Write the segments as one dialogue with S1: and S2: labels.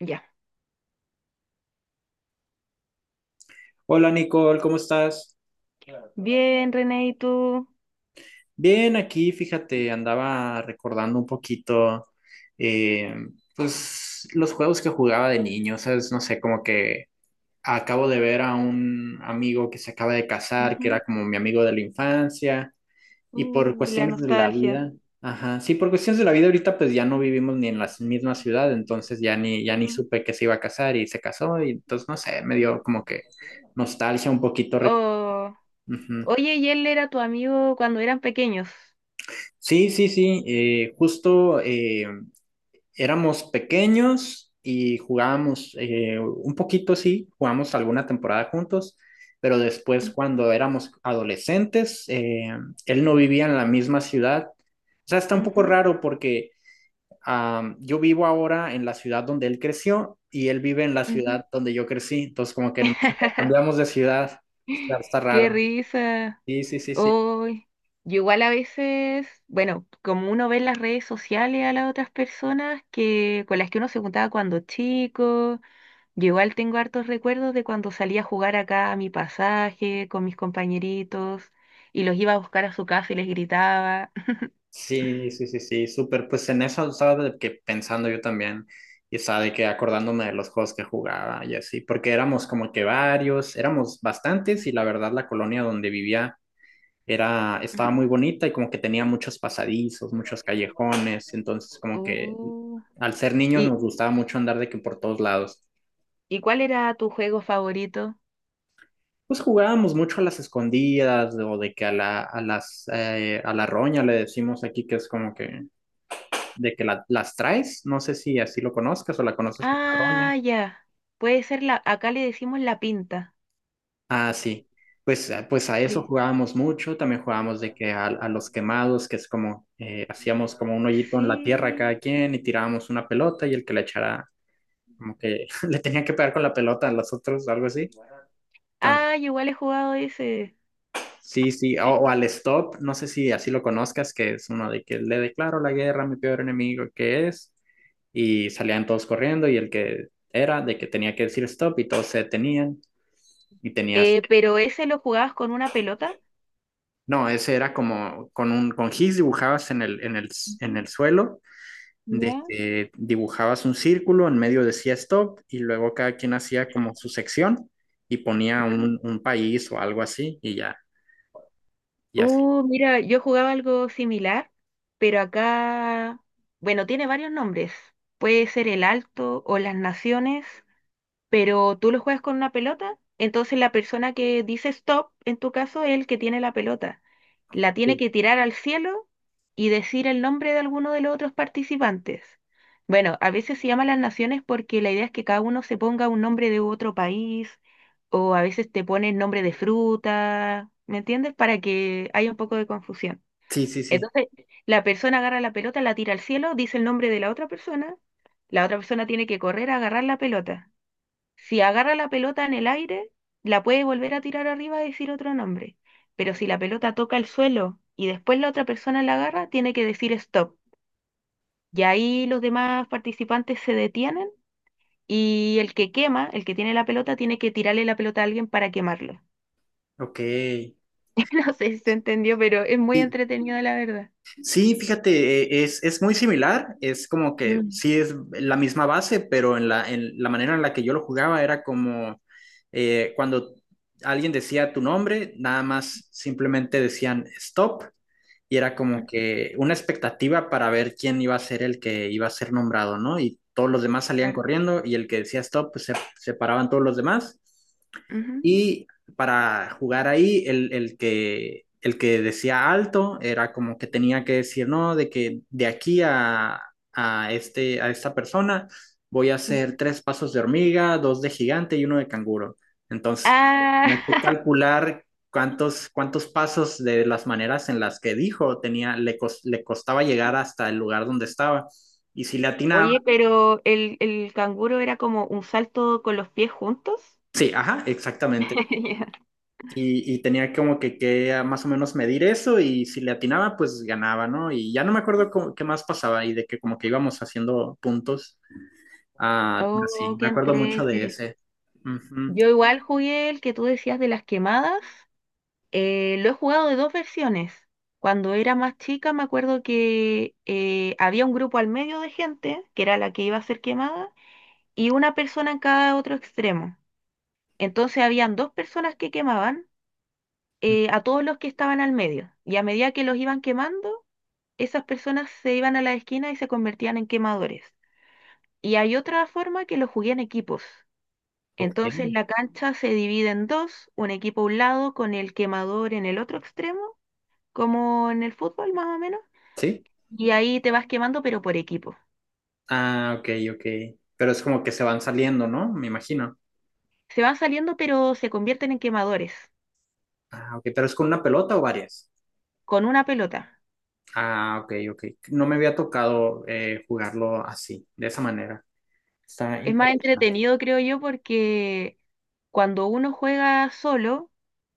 S1: Ya.
S2: Hola Nicole, ¿cómo estás?
S1: Claro. Bien, René, ¿y tú?
S2: Bien, aquí fíjate, andaba recordando un poquito, eh, pues los juegos que jugaba de niño, ¿sabes? No sé, como que acabo de ver a un amigo que se acaba de casar, que era
S1: Ujú.
S2: como mi amigo de la infancia, y por
S1: La
S2: cuestiones de la
S1: nostalgia.
S2: vida, ajá, sí, por cuestiones de la vida ahorita pues ya no vivimos ni en la misma ciudad, entonces ya ni
S1: Ujú.
S2: supe que se iba a casar y se casó, y entonces no sé, me dio como que nostalgia un poquito.
S1: Oh,
S2: Ujú.
S1: oye, ¿y él era tu amigo cuando eran pequeños?
S2: Sí, sí, sí, justo éramos pequeños y jugábamos un poquito, sí, jugamos alguna temporada juntos, pero después cuando éramos adolescentes, él no vivía en la misma ciudad. O sea, está un poco
S1: Ujú,
S2: raro porque yo vivo ahora en la ciudad donde él creció y él vive en la
S1: ujú.
S2: ciudad donde yo crecí, entonces como que nos cambiamos de ciudad, está
S1: Qué
S2: raro.
S1: risa.
S2: Sí, sí, sí, sí.
S1: Hoy, yo igual a veces, bueno, como uno ve en las redes sociales a las otras personas que con las que uno se juntaba cuando chico. Yo igual tengo hartos recuerdos de cuando salía a jugar acá a mi pasaje con mis compañeritos y los iba a buscar a su casa y les gritaba.
S2: Sí, sí, sí, sí, súper. Pues en eso estaba de que pensando yo también y estaba de que acordándome de los juegos que jugaba y así, porque éramos como que varios, éramos bastantes y la verdad la colonia donde vivía estaba muy bonita y como que tenía muchos pasadizos, muchos callejones, entonces como que
S1: Uh,
S2: al ser niños
S1: ¿Y,
S2: nos gustaba mucho andar de que por todos lados.
S1: y cuál era tu juego favorito?
S2: Pues jugábamos mucho a las escondidas o de que a la roña le decimos aquí que es como que de que las traes, no sé si así lo conozcas o la conoces por Carroña.
S1: Ah, ya. Puede ser la, acá le decimos la pinta.
S2: Ah, sí. Pues, a eso
S1: Sí.
S2: jugábamos mucho, también jugábamos de que a los quemados, que es como, hacíamos como un hoyito en la tierra a
S1: Sí.
S2: cada quien y tirábamos una pelota y el que la echara, como que le tenía que pegar con la pelota a los otros, algo así. Entonces,
S1: Ah, yo igual he jugado ese.
S2: sí, sí, o al stop, no sé si así lo conozcas, que es uno de que le declaro la guerra a mi peor enemigo, que es, y salían todos corriendo y el que era de que tenía que decir stop y todos se detenían y tenías,
S1: ¿Pero ese lo jugabas con una pelota?
S2: no, ese era como con con gis dibujabas en el, en el, en
S1: Ujú.
S2: el suelo, de
S1: ¿Ya?
S2: que dibujabas un círculo, en medio decía stop y luego cada quien hacía como su sección y ponía un país o algo así y ya, y así.
S1: Mira, yo jugaba algo similar, pero acá, bueno, tiene varios nombres. Puede ser el Alto o las Naciones, pero tú lo juegas con una pelota, entonces la persona que dice stop, en tu caso, es el que tiene la pelota. La tiene que tirar al cielo y decir el nombre de alguno de los otros participantes. Bueno, a veces se llama las naciones porque la idea es que cada uno se ponga un nombre de otro país o a veces te ponen nombre de fruta, ¿me entiendes? Para que haya un poco de confusión.
S2: Sí, sí, sí.
S1: Entonces, la persona agarra la pelota, la tira al cielo, dice el nombre de la otra persona tiene que correr a agarrar la pelota. Si agarra la pelota en el aire, la puede volver a tirar arriba y decir otro nombre. Pero si la pelota toca el suelo y después la otra persona la agarra, tiene que decir stop. Y ahí los demás participantes se detienen y el que quema, el que tiene la pelota, tiene que tirarle la pelota a alguien para quemarlo.
S2: Ok.
S1: No sé si se entendió, pero es muy
S2: ¿Y?
S1: entretenido, la verdad.
S2: Sí, fíjate, es muy similar, es como que
S1: Mm.
S2: sí es la misma base, pero en la manera en la que yo lo jugaba era como cuando alguien decía tu nombre, nada más simplemente decían stop y era como que una expectativa para ver quién iba a ser el que iba a ser nombrado, ¿no? Y todos los demás salían
S1: Claro.
S2: corriendo y el que decía stop, pues se paraban todos los demás
S1: Ujú,
S2: y para jugar ahí, el que decía alto era como que tenía que decir, no, de que de aquí a esta persona voy a hacer
S1: ujú.
S2: tres pasos de hormiga, dos de gigante y uno de canguro. Entonces,
S1: Ah,
S2: tenía que calcular cuántos pasos de las maneras en las que dijo le costaba llegar hasta el lugar donde estaba. Y si le atinaba,
S1: oye, ¿pero el canguro era como un salto con los pies juntos?
S2: sí, ajá, exactamente. Y tenía como más o menos medir eso y si le atinaba, pues ganaba, ¿no? Y ya no me acuerdo qué más pasaba y de que como que íbamos haciendo puntos. Ah, pero sí,
S1: Oh, qué
S2: me acuerdo mucho de
S1: entrete.
S2: ese. Ujú.
S1: Yo igual jugué el que tú decías de las quemadas. Lo he jugado de dos versiones. Cuando era más chica me acuerdo que había un grupo al medio de gente, que era la que iba a ser quemada, y una persona en cada otro extremo. Entonces habían dos personas que quemaban a todos los que estaban al medio. Y a medida que los iban quemando, esas personas se iban a la esquina y se convertían en quemadores. Y hay otra forma que lo jugué en equipos.
S2: Ok,
S1: Entonces la cancha se divide en dos, un equipo a un lado con el quemador en el otro extremo, como en el fútbol más o menos,
S2: sí.
S1: y ahí te vas quemando pero por equipo.
S2: Ah, ok, ok. Pero es como que se van saliendo, ¿no? Me imagino.
S1: Se van saliendo pero se convierten en quemadores
S2: Ah, ok, pero es con una pelota o varias.
S1: con una pelota.
S2: Ah, ok, ok. No me había tocado jugarlo así, de esa manera. Está
S1: Es más
S2: interesante.
S1: entretenido, creo yo, porque cuando uno juega solo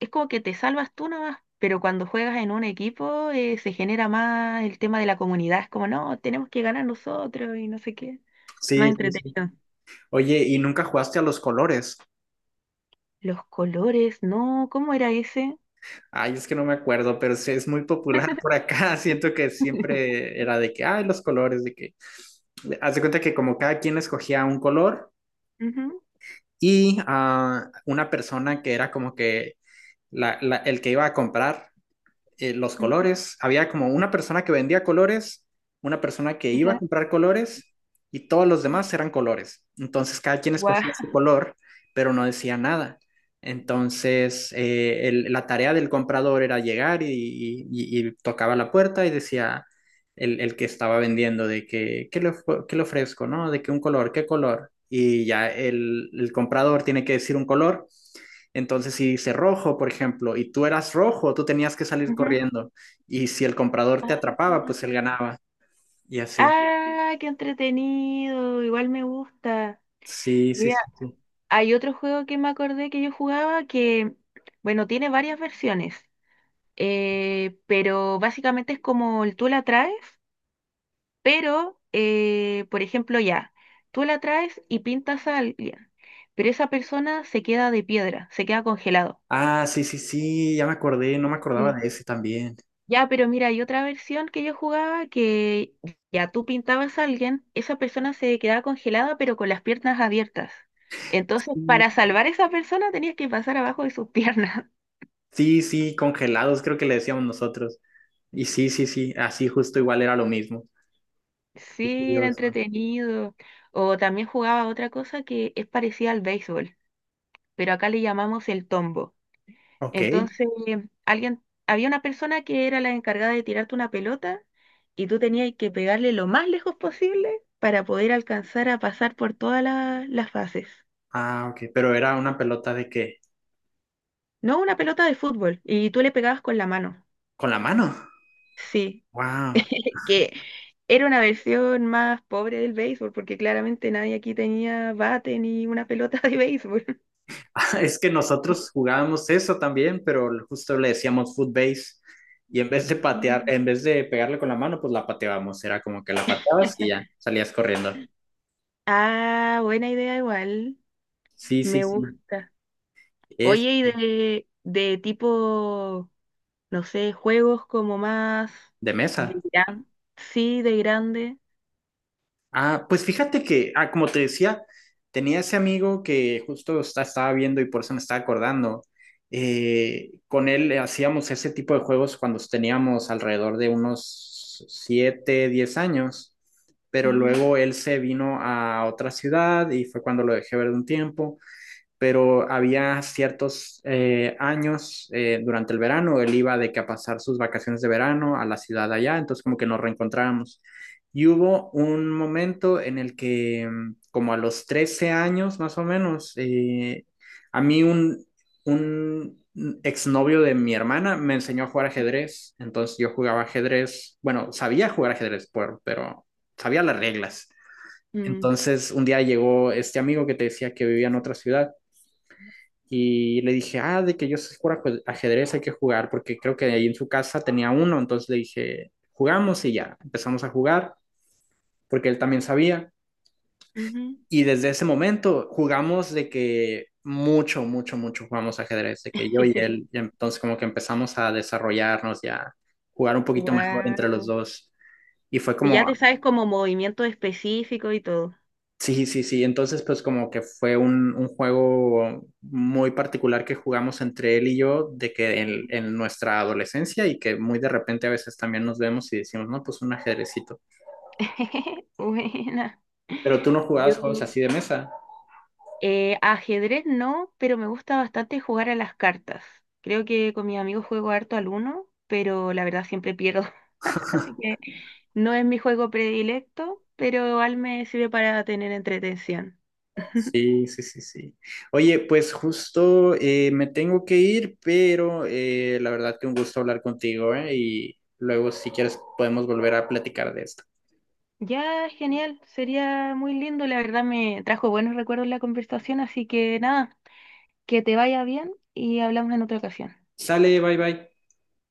S1: es como que te salvas tú nomás, pero cuando juegas en un equipo, se genera más el tema de la comunidad, es como no, tenemos que ganar nosotros y no sé qué. Más
S2: Sí, sí, sí.
S1: entretenido.
S2: Oye, ¿y nunca jugaste a los colores?
S1: Los colores, no, ¿cómo era ese?
S2: Ay, es que no me acuerdo, pero sí es muy popular por acá. Siento que siempre era de que, ay, los colores, de que. Haz de cuenta que como cada quien escogía un color
S1: Ujú,
S2: y ah, una persona que era como que el que iba a comprar los
S1: ujú.
S2: colores. Había como una persona que vendía colores, una persona que iba a comprar colores y todos los demás eran colores. Entonces cada quien
S1: Guau.
S2: escogía su color, pero no decía nada. Entonces la tarea del comprador era llegar y, tocaba la puerta y decía el que estaba vendiendo de que, ¿qué le ofrezco? ¿No? De que un color, ¿qué color? Y ya el comprador tiene que decir un color entonces, si dice rojo, por ejemplo, y tú eras rojo, tú tenías que salir
S1: Ujú.
S2: corriendo. Y si el comprador te
S1: Ah,
S2: atrapaba, pues él ganaba. Y así.
S1: ah, qué entretenido, igual me gusta.
S2: Sí, sí,
S1: Mira,
S2: sí, sí.
S1: hay otro juego que me acordé que yo jugaba que, bueno, tiene varias versiones, pero básicamente es como el tú la traes, pero, por ejemplo, ya, tú la traes y pintas a alguien, pero esa persona se queda de piedra, se queda congelado.
S2: Ah, sí, sí, sí, ya me acordé, no me acordaba
S1: Sí.
S2: de ese también.
S1: Ya, pero mira, hay otra versión que yo jugaba que ya tú pintabas a alguien, esa persona se quedaba congelada pero con las piernas abiertas. Entonces,
S2: Sí,
S1: para salvar a esa persona tenías que pasar abajo de sus piernas.
S2: sí, sí, congelados, creo que le decíamos nosotros. Y sí, sí, sí, así justo igual era lo mismo. Qué
S1: Sí, era
S2: curioso.
S1: entretenido. O también jugaba otra cosa que es parecida al béisbol, pero acá le llamamos el tombo.
S2: Ok.
S1: Entonces, alguien, había una persona que era la encargada de tirarte una pelota y tú tenías que pegarle lo más lejos posible para poder alcanzar a pasar por todas las fases.
S2: Ah, ok, pero ¿era una pelota de qué?
S1: No, una pelota de fútbol y tú le pegabas con la mano.
S2: Con la mano.
S1: Sí,
S2: Wow.
S1: que era una versión más pobre del béisbol porque claramente nadie aquí tenía bate ni una pelota de béisbol.
S2: Es que nosotros jugábamos eso también, pero justo le decíamos foot base y en vez de patear,
S1: Mm.
S2: en vez de pegarle con la mano, pues la pateábamos. Era como que la pateabas y ya salías corriendo.
S1: Ah, buena idea igual.
S2: Sí, sí,
S1: Me
S2: sí.
S1: gusta.
S2: Es
S1: Oye, ¿y de tipo, no sé, juegos como más
S2: de
S1: de
S2: mesa.
S1: gran, sí, de grande?
S2: Ah, pues fíjate que, ah, como te decía, tenía ese amigo que justo estaba viendo y por eso me estaba acordando. Con él hacíamos ese tipo de juegos cuando teníamos alrededor de unos 7, 10 años, pero
S1: Ujú,
S2: luego él se vino a otra ciudad y fue cuando lo dejé ver de un tiempo pero había ciertos años durante el verano, él iba de que a pasar sus vacaciones de verano a la ciudad allá, entonces como que nos reencontrábamos. Y hubo un momento en el que, mm, como a los 13 años más o menos, a mí un exnovio de mi hermana me enseñó a jugar ajedrez, entonces yo jugaba ajedrez, bueno, sabía jugar ajedrez, por, pero sabía las reglas.
S1: mm,
S2: Entonces un día llegó este amigo que te decía que vivía en otra ciudad y le dije, ah, de que yo sé jugar ajedrez, hay que jugar, porque creo que ahí en su casa tenía uno. Entonces le dije, jugamos y ya, empezamos a jugar, porque él también sabía.
S1: ujú.
S2: Y desde ese momento jugamos de que mucho, mucho, mucho jugamos ajedrez, de que yo y él, y entonces como que empezamos a desarrollarnos ya, jugar un poquito mejor entre los
S1: Wow.
S2: dos. Y fue como.
S1: Ya te sabes como movimiento específico y todo.
S2: Sí, sí, sí. Entonces, pues como que fue un juego muy particular que jugamos entre él y yo, de que en,
S1: Ujú.
S2: en nuestra adolescencia y que muy de repente a veces también nos vemos y decimos, no, pues un ajedrecito.
S1: Buena.
S2: Pero tú no
S1: Yo,
S2: jugabas juegos así de mesa.
S1: ajedrez no, pero me gusta bastante jugar a las cartas. Creo que con mis amigos juego harto al uno, pero la verdad siempre pierdo. Así que no es mi juego predilecto, pero igual me sirve para tener entretención.
S2: Sí, sí, sí, sí. Oye, pues justo me tengo que ir, pero la verdad que un gusto hablar contigo, ¿eh? Y luego si quieres podemos volver a platicar de esto.
S1: Ya, genial, sería muy lindo, la verdad me trajo buenos recuerdos la conversación, así que nada, que te vaya bien y hablamos en otra ocasión.
S2: Sale, bye bye.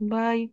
S1: Bye.